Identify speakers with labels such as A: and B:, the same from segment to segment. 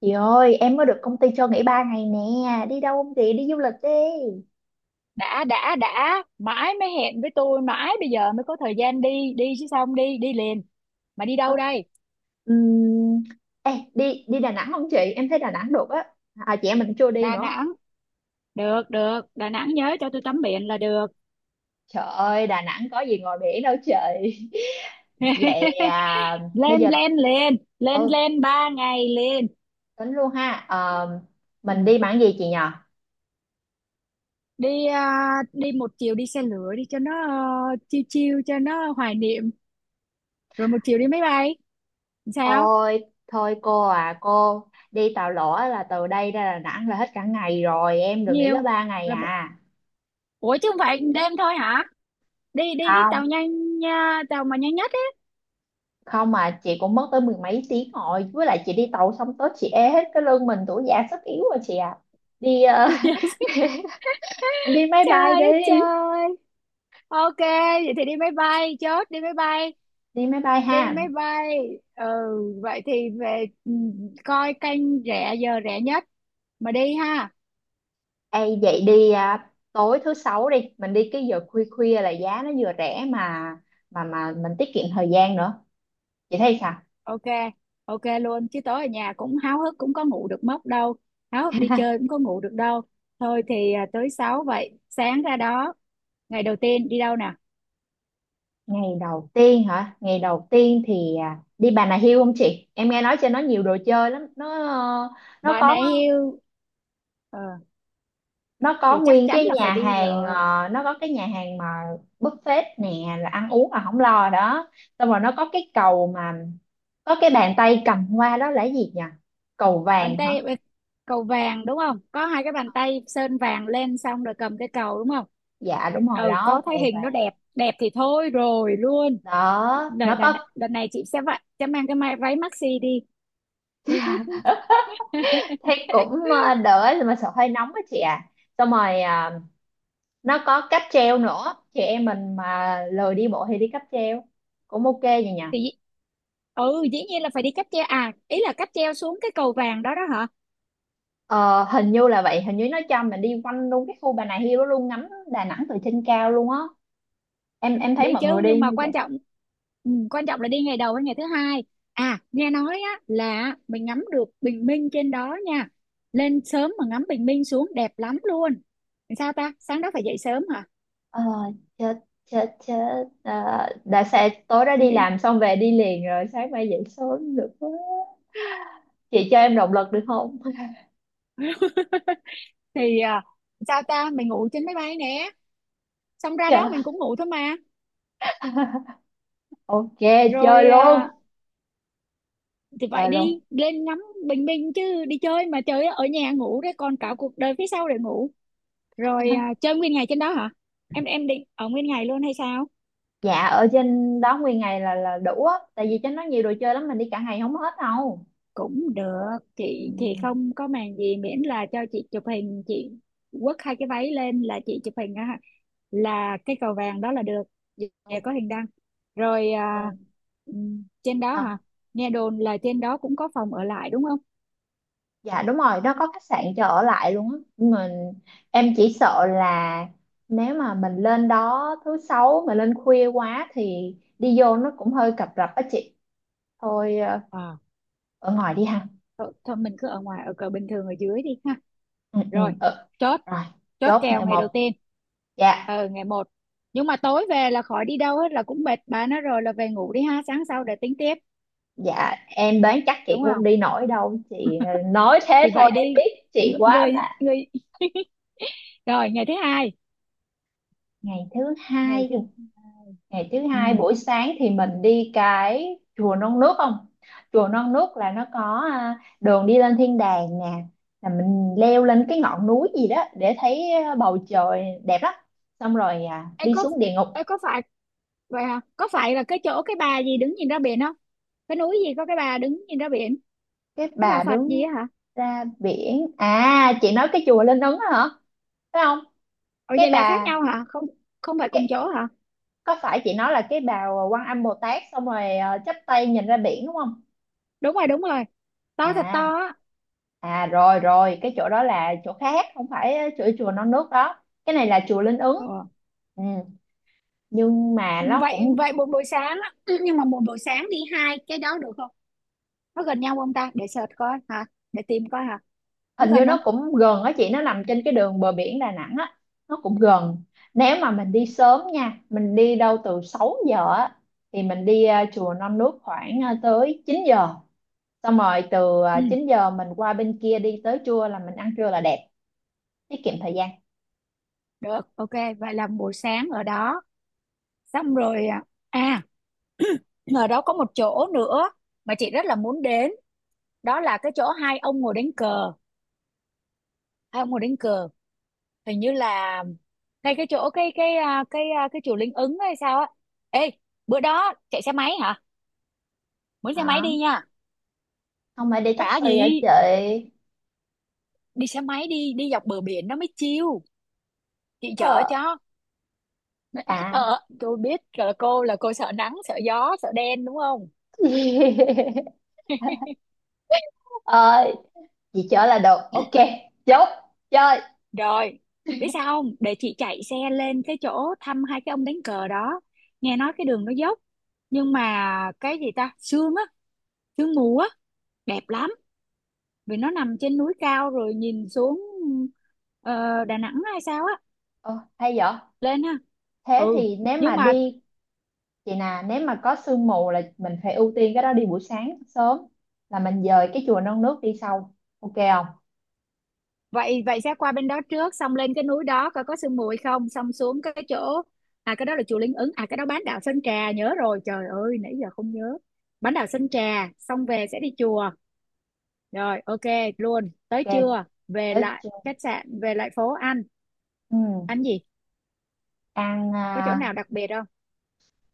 A: Chị ơi, em mới được công ty cho nghỉ 3 ngày nè, đi đâu không chị? Đi du lịch đi.
B: Đã mãi mới hẹn với tôi, mãi bây giờ mới có thời gian, đi đi chứ sao không đi đi liền? Mà đi
A: Ờ,
B: đâu đây?
A: ừm, ê, đi đi Đà Nẵng không chị? Em thấy Đà Nẵng được á. À, chị em mình chưa đi
B: Đà
A: nữa.
B: Nẵng, được được Đà Nẵng, nhớ cho tôi tắm biển là được.
A: Trời ơi, Đà Nẵng có gì ngồi biển đâu chị. Vậy à, bây
B: lên
A: giờ
B: lên lên lên
A: ừ,
B: lên 3 ngày liền.
A: tính luôn ha. Ờ, mình
B: Ừ.
A: đi bằng gì chị nhờ?
B: Đi à, đi một chiều đi xe lửa đi cho nó chiêu chiêu cho nó hoài niệm, rồi một chiều đi máy bay, sao?
A: Thôi, thôi cô à, cô đi tàu lỗ là từ đây ra Đà Nẵng là hết cả ngày rồi, em đừng nghỉ
B: Nhiều
A: có 3 ngày
B: là một...
A: à.
B: Ủa chứ không phải đêm thôi hả? Đi đi cái tàu nhanh nha, tàu mà nhanh nhất.
A: Không, mà chị cũng mất tới mười mấy tiếng rồi, với lại chị đi tàu xong tới chị ê hết cái lưng, mình tuổi già sức yếu rồi chị à. Đi đi máy
B: Trời
A: bay
B: ơi
A: đi.
B: trời. Ok, vậy thì đi máy bay, chốt đi máy bay,
A: Đi máy bay
B: đi
A: ha?
B: máy bay. Ừ, vậy thì về, coi kênh rẻ, giờ rẻ nhất mà đi ha.
A: Ê vậy đi à, tối thứ sáu đi mình đi cái giờ khuya khuya là giá nó vừa rẻ mà mình tiết kiệm thời gian nữa. Chị thấy sao?
B: Ok, ok luôn. Chứ tối ở nhà cũng háo hức cũng có ngủ được mất đâu. Háo hức đi chơi cũng có ngủ được đâu. Thôi thì tới 6 vậy, sáng ra đó. Ngày đầu tiên đi đâu nè?
A: Ngày đầu tiên hả? Ngày đầu tiên thì đi Bà Nà Hills không chị? Em nghe nói trên nó nhiều đồ chơi lắm. Nó nó
B: Bà
A: có
B: nãy yêu, ờ,
A: nó có
B: thì chắc
A: nguyên
B: chắn
A: cái
B: là phải
A: nhà
B: đi
A: hàng,
B: rồi.
A: nó có cái nhà hàng mà buffet nè, là ăn uống là không lo đó. Xong rồi nó có cái cầu mà có cái bàn tay cầm hoa đó là cái gì nhỉ? Cầu
B: Bàn
A: vàng hả?
B: tay, cầu vàng đúng không, có hai cái bàn tay sơn vàng lên xong rồi cầm cái cầu đúng không?
A: Dạ đúng rồi
B: Ừ,
A: đó,
B: có thấy
A: cầu
B: hình nó
A: vàng.
B: đẹp, đẹp thì thôi rồi luôn.
A: Đó
B: đợt,
A: nó
B: đợt,
A: có.
B: đợt này chị sẽ vậy, sẽ mang cái váy maxi đi.
A: Thế cũng đỡ, mà sợ hơi nóng á chị à. Xong rồi nó có cáp treo nữa, chị em mình mà lười đi bộ thì đi cáp treo cũng ok vậy nhỉ?
B: Thì ừ, dĩ nhiên là phải đi cáp treo, à ý là cáp treo xuống cái cầu vàng đó đó hả?
A: Ờ, hình như là vậy, hình như nó cho mình đi quanh luôn cái khu Bà Nà Hills đó luôn, ngắm Đà Nẵng từ trên cao luôn á. Em
B: Đi
A: thấy mọi
B: chứ,
A: người đi
B: nhưng mà
A: như vậy.
B: quan trọng, ừ, quan trọng là đi ngày đầu hay ngày thứ hai. À nghe nói á, là mình ngắm được bình minh trên đó nha, lên sớm mà ngắm bình minh xuống đẹp lắm luôn. Sao ta, sáng đó phải dậy sớm hả?
A: ờ, Chết chết chết. Ờ, đã sẽ tối đó
B: Suy
A: đi
B: nghĩ.
A: làm xong về đi liền rồi sáng mai dậy sớm được quá. Chị cho em động lực được không?
B: Thì sao ta, mình ngủ trên máy bay nè, xong ra đó
A: Trời.
B: mình cũng ngủ thôi mà.
A: Ok, chơi
B: Rồi à,
A: luôn.
B: thì vậy
A: Chơi luôn.
B: đi lên ngắm bình minh chứ đi chơi mà chơi ở nhà ngủ đấy, còn cả cuộc đời phía sau để ngủ. Rồi à, chơi nguyên ngày trên đó hả? Em định ở nguyên ngày luôn hay sao?
A: Dạ ở trên đó nguyên ngày là đủ á, tại vì trên đó nhiều đồ chơi lắm, mình đi cả ngày không hết đâu.
B: Cũng được,
A: Ừ,
B: chị thì không có màng gì, miễn là cho chị chụp hình, chị quất hai cái váy lên là chị chụp hình á, là cái cầu vàng đó là được, về có hình đăng. Rồi à, trên đó hả?
A: ok.
B: Nghe đồn là trên đó cũng có phòng ở lại đúng không?
A: Dạ đúng rồi, nó có khách sạn cho ở lại luôn á. Nhưng mà em chỉ sợ là nếu mà mình lên đó thứ sáu mà lên khuya quá thì đi vô nó cũng hơi cập rập á chị. Thôi
B: À,
A: ở ngoài đi ha.
B: thôi, thôi mình cứ ở ngoài, ở cờ bình thường, ở dưới đi ha.
A: Ừ, ừ,
B: Rồi
A: ừ.
B: chốt,
A: Rồi,
B: chốt
A: chốt
B: kèo
A: này
B: ngày đầu
A: một.
B: tiên.
A: Dạ,
B: Ờ ngày một, nhưng mà tối về là khỏi đi đâu hết, là cũng mệt bà nó rồi, là về ngủ đi ha, sáng sau để tính tiếp,
A: dạ em đoán chắc chị
B: đúng
A: cũng không
B: không?
A: đi nổi đâu. Chị nói thế
B: Thì
A: thôi
B: vậy đi.
A: em biết chị quá
B: Người
A: mà.
B: người. Rồi ngày thứ hai.
A: Ngày thứ
B: Ngày
A: hai,
B: thứ
A: ngày thứ hai
B: ừ.
A: buổi sáng thì mình đi cái chùa Non Nước không? Chùa Non Nước là nó có đường đi lên thiên đàng nè, là mình leo lên cái ngọn núi gì đó để thấy bầu trời đẹp lắm, xong rồi
B: Ê,
A: đi
B: có
A: xuống địa ngục.
B: Ê, có phải vậy hả, có phải là cái chỗ cái bà gì đứng nhìn ra biển không? Cái núi gì có cái bà đứng nhìn ra biển?
A: Cái
B: Cái bà
A: bà
B: Phật gì
A: đứng
B: á hả?
A: ra biển à, chị nói cái chùa Linh Ứng đó hả, phải không?
B: Ồ
A: Cái
B: vậy là khác
A: bà
B: nhau hả? Không, không phải cùng
A: cái,
B: chỗ hả?
A: có phải chị nói là cái bà Quan Âm Bồ Tát xong rồi chắp tay nhìn ra biển đúng không?
B: Đúng rồi, đúng rồi, to thật
A: À,
B: to á.
A: à rồi rồi, cái chỗ đó là chỗ khác, không phải chùa chùa Non Nước đó, cái này là chùa Linh Ứng.
B: Ờ.
A: Ừ. Nhưng mà nó
B: Vậy
A: cũng,
B: vậy một buổi sáng á, nhưng mà một buổi sáng đi hai cái đó được không? Nó gần nhau không ta, để search coi hả, để tìm coi hả? Nó
A: hình như
B: gần
A: nó
B: không?
A: cũng gần á chị, nó nằm trên cái đường bờ biển Đà Nẵng á. Nó cũng gần. Nếu mà mình đi sớm nha, mình đi đâu từ 6 giờ á, thì mình đi chùa Non Nước khoảng tới 9 giờ, xong rồi từ
B: Ừ
A: 9 giờ mình qua bên kia đi tới chùa là mình ăn trưa là đẹp. Tiết kiệm thời gian.
B: được, ok. Vậy là buổi sáng ở đó, xong rồi à, à, ở đó có một chỗ nữa mà chị rất là muốn đến, đó là cái chỗ hai ông ngồi đánh cờ, hai ông ngồi đánh cờ, hình như là ngay cái chỗ cái chùa Linh Ứng hay sao á. Ê, bữa đó chạy xe máy hả, mướn xe máy
A: Đó
B: đi nha.
A: không phải đi
B: Hả
A: taxi ở
B: gì?
A: chị.
B: Đi xe máy đi, đi dọc bờ biển nó mới chill, chị chở
A: Ờ.
B: cho.
A: À.
B: Ờ tôi biết là cô, là cô sợ nắng sợ gió sợ đen đúng không?
A: Ờ, chị chở là được, ok. Chốt. Chơi.
B: Rồi, biết sao không? Để chị chạy xe lên cái chỗ thăm hai cái ông đánh cờ đó. Nghe nói cái đường nó dốc. Nhưng mà cái gì ta? Sương á, sương mù á, đẹp lắm. Vì nó nằm trên núi cao rồi nhìn xuống, ờ, Đà Nẵng hay sao á.
A: Ồ, hay vậy.
B: Lên ha.
A: Thế
B: Ừ,
A: thì nếu
B: nhưng
A: mà
B: mà
A: đi, chị nè, nếu mà có sương mù là mình phải ưu tiên cái đó, đi buổi sáng sớm, là mình dời cái chùa non nước đi sau, ok không?
B: vậy, vậy sẽ qua bên đó trước, xong lên cái núi đó coi có sương mù hay không, xong xuống cái chỗ, à cái đó là chùa Linh Ứng, à cái đó bán đảo Sơn Trà, nhớ rồi, trời ơi nãy giờ không nhớ. Bán đảo Sơn Trà, xong về sẽ đi chùa. Rồi ok luôn, tới
A: Ok.
B: trưa về
A: Tới
B: lại
A: chùa.
B: khách sạn, về lại phố ăn.
A: Ừ.
B: Ăn gì,
A: Ăn
B: có chỗ nào đặc biệt không?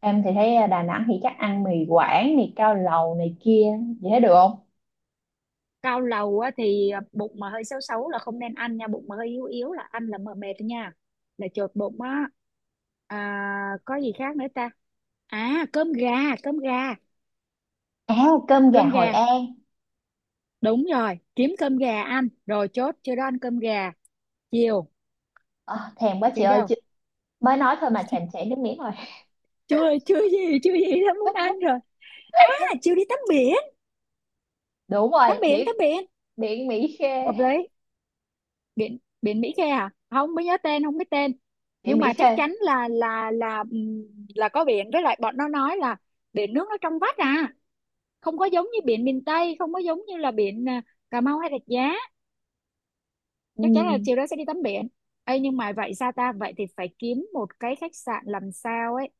A: em thì thấy Đà Nẵng thì chắc ăn mì Quảng, mì cao lầu này kia. Chị thấy được không?
B: Cao lầu á, thì bụng mà hơi xấu xấu là không nên ăn nha, bụng mà hơi yếu yếu là ăn là mờ mệt nha, là chột bụng á. À, có gì khác nữa ta? À cơm gà, cơm gà,
A: À, cơm gà
B: cơm
A: Hội
B: gà.
A: An.
B: Đúng rồi kiếm cơm gà ăn, rồi chốt chưa đó, ăn cơm gà. Chiều
A: Ờ, thèm quá chị
B: chị
A: ơi
B: đâu,
A: chị, mới nói thôi mà thèm chảy nước miếng rồi.
B: chưa chưa gì chưa gì đã muốn ăn rồi. À chiều đi tắm biển,
A: Đúng
B: tắm
A: rồi,
B: biển,
A: biển.
B: tắm biển.
A: Biển Mỹ Khê.
B: Hợp lý. Biển biển Mỹ Khê, à không mới nhớ tên, không biết tên,
A: Địa
B: nhưng mà
A: Mỹ
B: chắc
A: Khê.
B: chắn là là là có biển, với lại bọn nó nói là biển nước nó trong vắt à không có giống như biển miền Tây, không có giống như là biển, à, Cà Mau hay Rạch Giá. Chắc chắn là
A: Ừm,
B: chiều đó sẽ đi tắm biển. Ê, nhưng mà vậy sao ta, vậy thì phải kiếm một cái khách sạn làm sao ấy,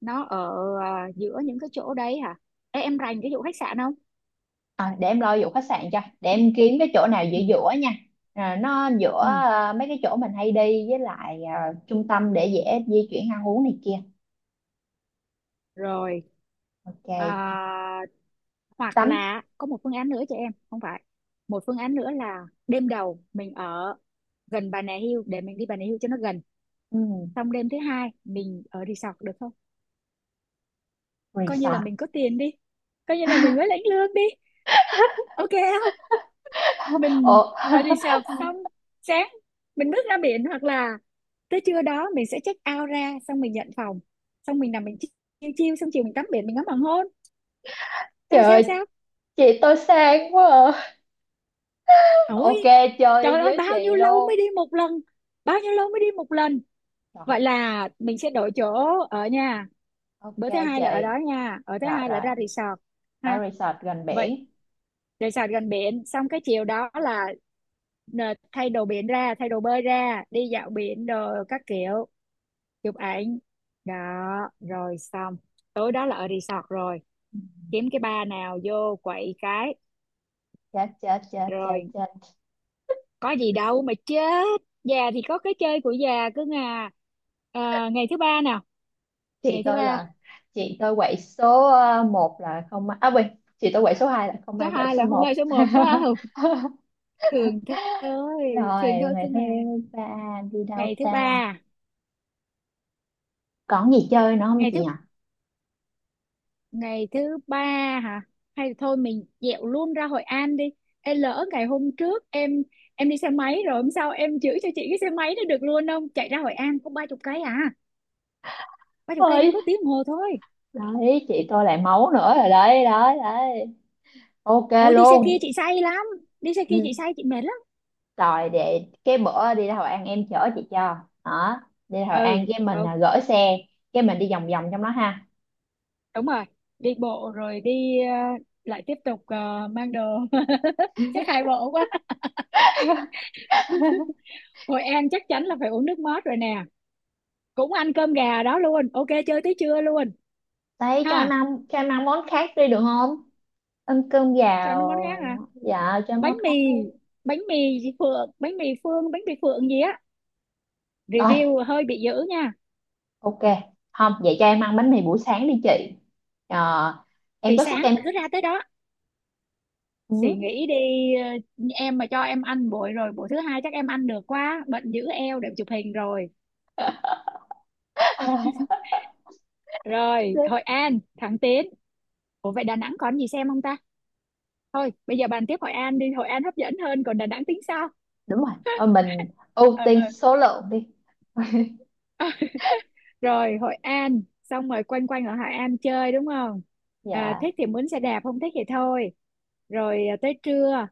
B: nó ở, à, giữa những cái chỗ đấy hả? Ê, em rành cái vụ khách sạn không?
A: để em lo vụ khách sạn cho, để em kiếm cái chỗ nào giữa
B: Ừ.
A: giữa nha. À, nó giữa
B: Ừ.
A: mấy cái chỗ mình hay đi với lại trung tâm để dễ di chuyển, ăn uống này kia.
B: Rồi
A: Ok.
B: à, hoặc
A: Tắm.
B: là có một phương án nữa cho em, không phải, một phương án nữa là đêm đầu mình ở gần Bà Nà Hills để mình đi Bà Nà Hills cho nó gần,
A: Ừm,
B: xong đêm thứ hai mình ở resort được không? Coi như là
A: resort.
B: mình có tiền đi, coi như là mình mới lãnh lương đi, ok không? Mình
A: Ồ.
B: ở resort, xong sáng mình bước ra biển, hoặc là tới trưa đó mình sẽ check out ra, xong mình nhận phòng, xong mình nằm mình chiêu chiêu, xong chiều mình tắm biển, mình ngắm hoàng hôn,
A: Trời
B: sao sao
A: ơi,
B: sao?
A: chị tôi sang quá à.
B: Ôi
A: Ok, chơi
B: trời ơi,
A: với
B: bao nhiêu
A: chị
B: lâu mới
A: luôn.
B: đi một lần, bao nhiêu lâu mới đi một lần.
A: Rồi
B: Vậy là mình sẽ đổi chỗ ở nha,
A: ok
B: bữa thứ hai là ở
A: chị,
B: đó nha, ở thứ
A: rồi
B: hai là
A: rồi,
B: ra resort
A: ở
B: ha.
A: resort gần
B: Vậy
A: biển.
B: resort gần biển, xong cái chiều đó là, nè, thay đồ biển ra, thay đồ bơi ra, đi dạo biển đồ các kiểu, chụp ảnh, đó rồi xong. Tối đó là ở resort rồi, kiếm cái bar nào vô quậy cái.
A: Chết chết chết chết
B: Rồi
A: chết.
B: có gì đâu mà chết, già thì có cái chơi của già, cứ ngà. Ờ, ngày thứ ba nào,
A: Chị
B: ngày thứ
A: tôi
B: ba.
A: là, chị tôi quậy số một là không may, à quên, chị tôi quậy số 2 là không
B: Số
A: may, quậy
B: hai
A: số
B: là không ai
A: một.
B: số một phải không? Thường thôi,
A: Rồi.
B: thường thôi, cứ
A: Ngày thứ
B: ngà.
A: ba đi đâu
B: Ngày thứ
A: ta?
B: ba.
A: Còn gì chơi nữa không
B: ngày
A: chị
B: thứ
A: nhỉ?
B: ngày thứ ba. Hả, hay thôi mình dẹo luôn ra Hội An đi. Ê, lỡ ngày hôm trước em đi xe máy rồi, hôm sau em chữa cho chị cái xe máy nó được luôn không, chạy ra Hội An có 30 cây à, 30 cây đi
A: Ơi.
B: có tiếng đồng hồ thôi.
A: Đấy, chị tôi lại máu nữa rồi, đấy đấy đấy. Ok
B: Ôi đi xe kia
A: luôn.
B: chị say lắm, đi xe
A: Ừ,
B: kia chị say chị mệt lắm.
A: rồi để cái bữa đi ra Hội An em chở chị cho. Đó. Đi ra Hội
B: Ừ
A: An cái mình
B: ừ.
A: gửi xe, cái mình đi vòng vòng trong đó ha.
B: Đúng rồi, đi bộ rồi đi, lại tiếp tục, mang đồ. Chắc hai bộ quá. Hội An chắc chắn là phải uống nước mót rồi nè, cũng ăn cơm gà đó luôn, ok chơi tới trưa luôn.
A: Đấy cho em
B: Ha
A: ăn, cho em ăn món khác đi được không? Ăn cơm
B: cho
A: gạo.
B: nó món
A: Rồi,
B: khác,
A: dạ cho em
B: bánh
A: món
B: mì,
A: khác luôn.
B: bánh mì gì phượng, bánh mì phương, bánh mì phượng gì á,
A: Rồi
B: review hơi bị dữ nha.
A: ok không, vậy cho em ăn bánh mì buổi sáng đi chị. Ờ, em
B: Thì
A: có sức
B: sáng
A: em.
B: cứ ra tới đó
A: Ừ.
B: thì nghĩ đi. Ờ, em mà cho em ăn buổi rồi buổi thứ hai chắc em ăn được quá, bệnh giữ eo để chụp hình rồi. Rồi Hội An thẳng tiến. Ủa vậy Đà Nẵng còn gì xem không ta? Thôi bây giờ bàn tiếp Hội An đi, Hội An hấp dẫn hơn, còn Đà Nẵng tính sau.
A: Đúng rồi. Ờ, mình ưu
B: Ờ,
A: tiên số lượng đi.
B: rồi Hội An xong rồi quanh quanh ở Hội An chơi đúng không? À,
A: Dạ.
B: thích thì mướn xe đạp, không thích thì thôi. Rồi à, tới trưa,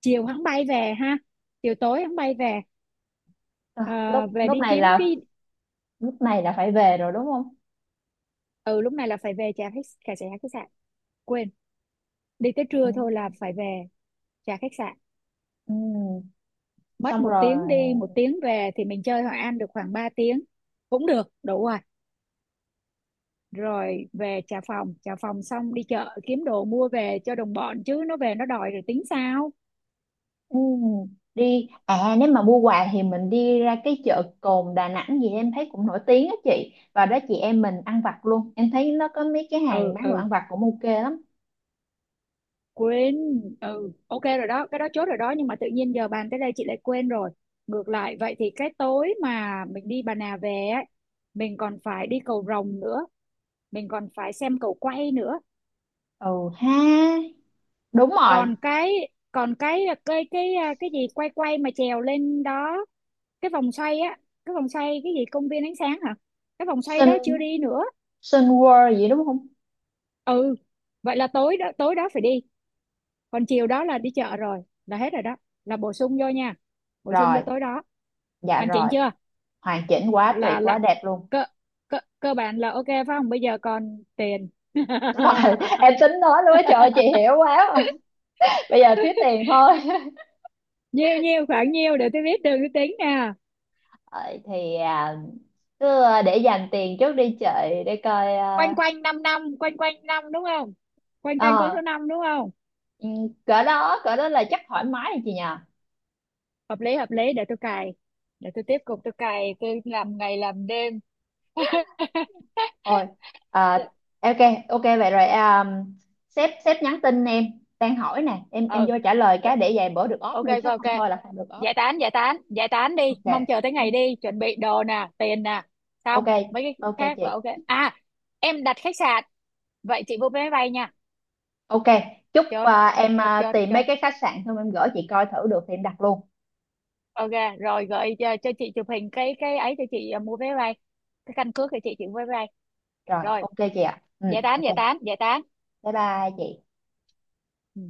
B: chiều hắn bay về ha, chiều tối hắn bay về.
A: Rồi,
B: Ờ,
A: lúc
B: về
A: lúc
B: đi
A: này
B: kiếm
A: là,
B: cái.
A: lúc này là phải về rồi đúng không?
B: Ừ lúc này là phải về trả khách, trả trả khách sạn, quên, đi tới
A: Ừ.
B: trưa thôi là phải về trả khách sạn.
A: Ừ.
B: Mất
A: Xong
B: một
A: rồi.
B: tiếng đi 1 tiếng về thì mình chơi Hội An được khoảng 3 tiếng, cũng được đủ rồi. Rồi về trả phòng, trả phòng xong đi chợ kiếm đồ mua về cho đồng bọn, chứ nó về nó đòi rồi tính sao.
A: Ừ, đi à, nếu mà mua quà thì mình đi ra cái chợ Cồn Đà Nẵng gì em thấy cũng nổi tiếng á chị, và đó chị em mình ăn vặt luôn, em thấy nó có mấy cái hàng
B: Ừ
A: bán đồ
B: ừ
A: ăn vặt cũng ok lắm.
B: quên. Ừ ok rồi đó, cái đó chốt rồi đó, nhưng mà tự nhiên giờ bàn tới đây chị lại quên rồi. Ngược lại vậy thì cái tối mà mình đi Bà Nà về ấy, mình còn phải đi cầu Rồng nữa, mình còn phải xem cầu quay nữa.
A: Ừ. Ha. Đúng rồi.
B: Còn cái, cái gì quay quay mà trèo lên đó, cái vòng xoay á, cái vòng xoay cái gì công viên ánh sáng hả, cái vòng xoay đó chưa
A: Sun,
B: đi nữa.
A: Sun World gì đúng không?
B: Ừ vậy là tối đó, tối đó phải đi, còn chiều đó là đi chợ rồi, là hết rồi đó, là bổ sung vô nha, bổ sung vô
A: Rồi.
B: tối đó.
A: Dạ
B: Hoàn chỉnh
A: rồi.
B: chưa?
A: Hoàn chỉnh quá,
B: Là
A: tuyệt quá,
B: là
A: đẹp luôn.
B: cơ cơ cơ bản là ok phải không, bây giờ còn tiền.
A: Đúng rồi. Em tính nói luôn á, trời ơi, chị hiểu quá mà. Bây giờ thiếu tiền thôi.
B: nhiêu nhiêu khoảng nhiêu để tôi biết đường tôi tính nè.
A: Ờ, thì cứ để dành tiền trước đi chợ, để coi
B: Quanh quanh năm, năm quanh quanh năm đúng không, quanh quanh con
A: ờ,
B: số năm đúng không?
A: Ừ, cỡ đó, cỡ đó là chắc thoải mái rồi chị nhờ.
B: Hợp lý hợp lý, để tôi cài, để tôi tiếp tục tôi cài, tôi làm ngày làm đêm.
A: Ôi. à, ok. Ok vậy rồi, sếp sếp nhắn tin em đang hỏi nè, em
B: Ừ
A: vô trả lời
B: rồi,
A: cái để vài bữa được off
B: ok
A: nữa
B: ok
A: chứ không
B: ok,
A: thôi là không được off.
B: giải tán giải tán giải tán đi, mong
A: Ok
B: chờ tới ngày đi, chuẩn bị đồ nè tiền nè, xong
A: ok.
B: mấy cái
A: Ok
B: khác là
A: chị.
B: ok à. Em đặt khách sạn, vậy chị mua vé máy bay nha.
A: Ok, chúc
B: Chốt
A: em
B: chốt chốt
A: tìm mấy
B: chốt
A: cái khách sạn xong em gửi chị coi thử được thì em đặt luôn.
B: ok. Rồi gửi cho chị chụp hình cái ấy cho chị, à, mua vé máy bay, cái căn cước cho chị mua vé máy bay.
A: Rồi
B: Rồi
A: ok chị ạ, ừ.
B: giải tán
A: Ok,
B: giải tán giải tán.
A: bye bye chị.
B: Ừ.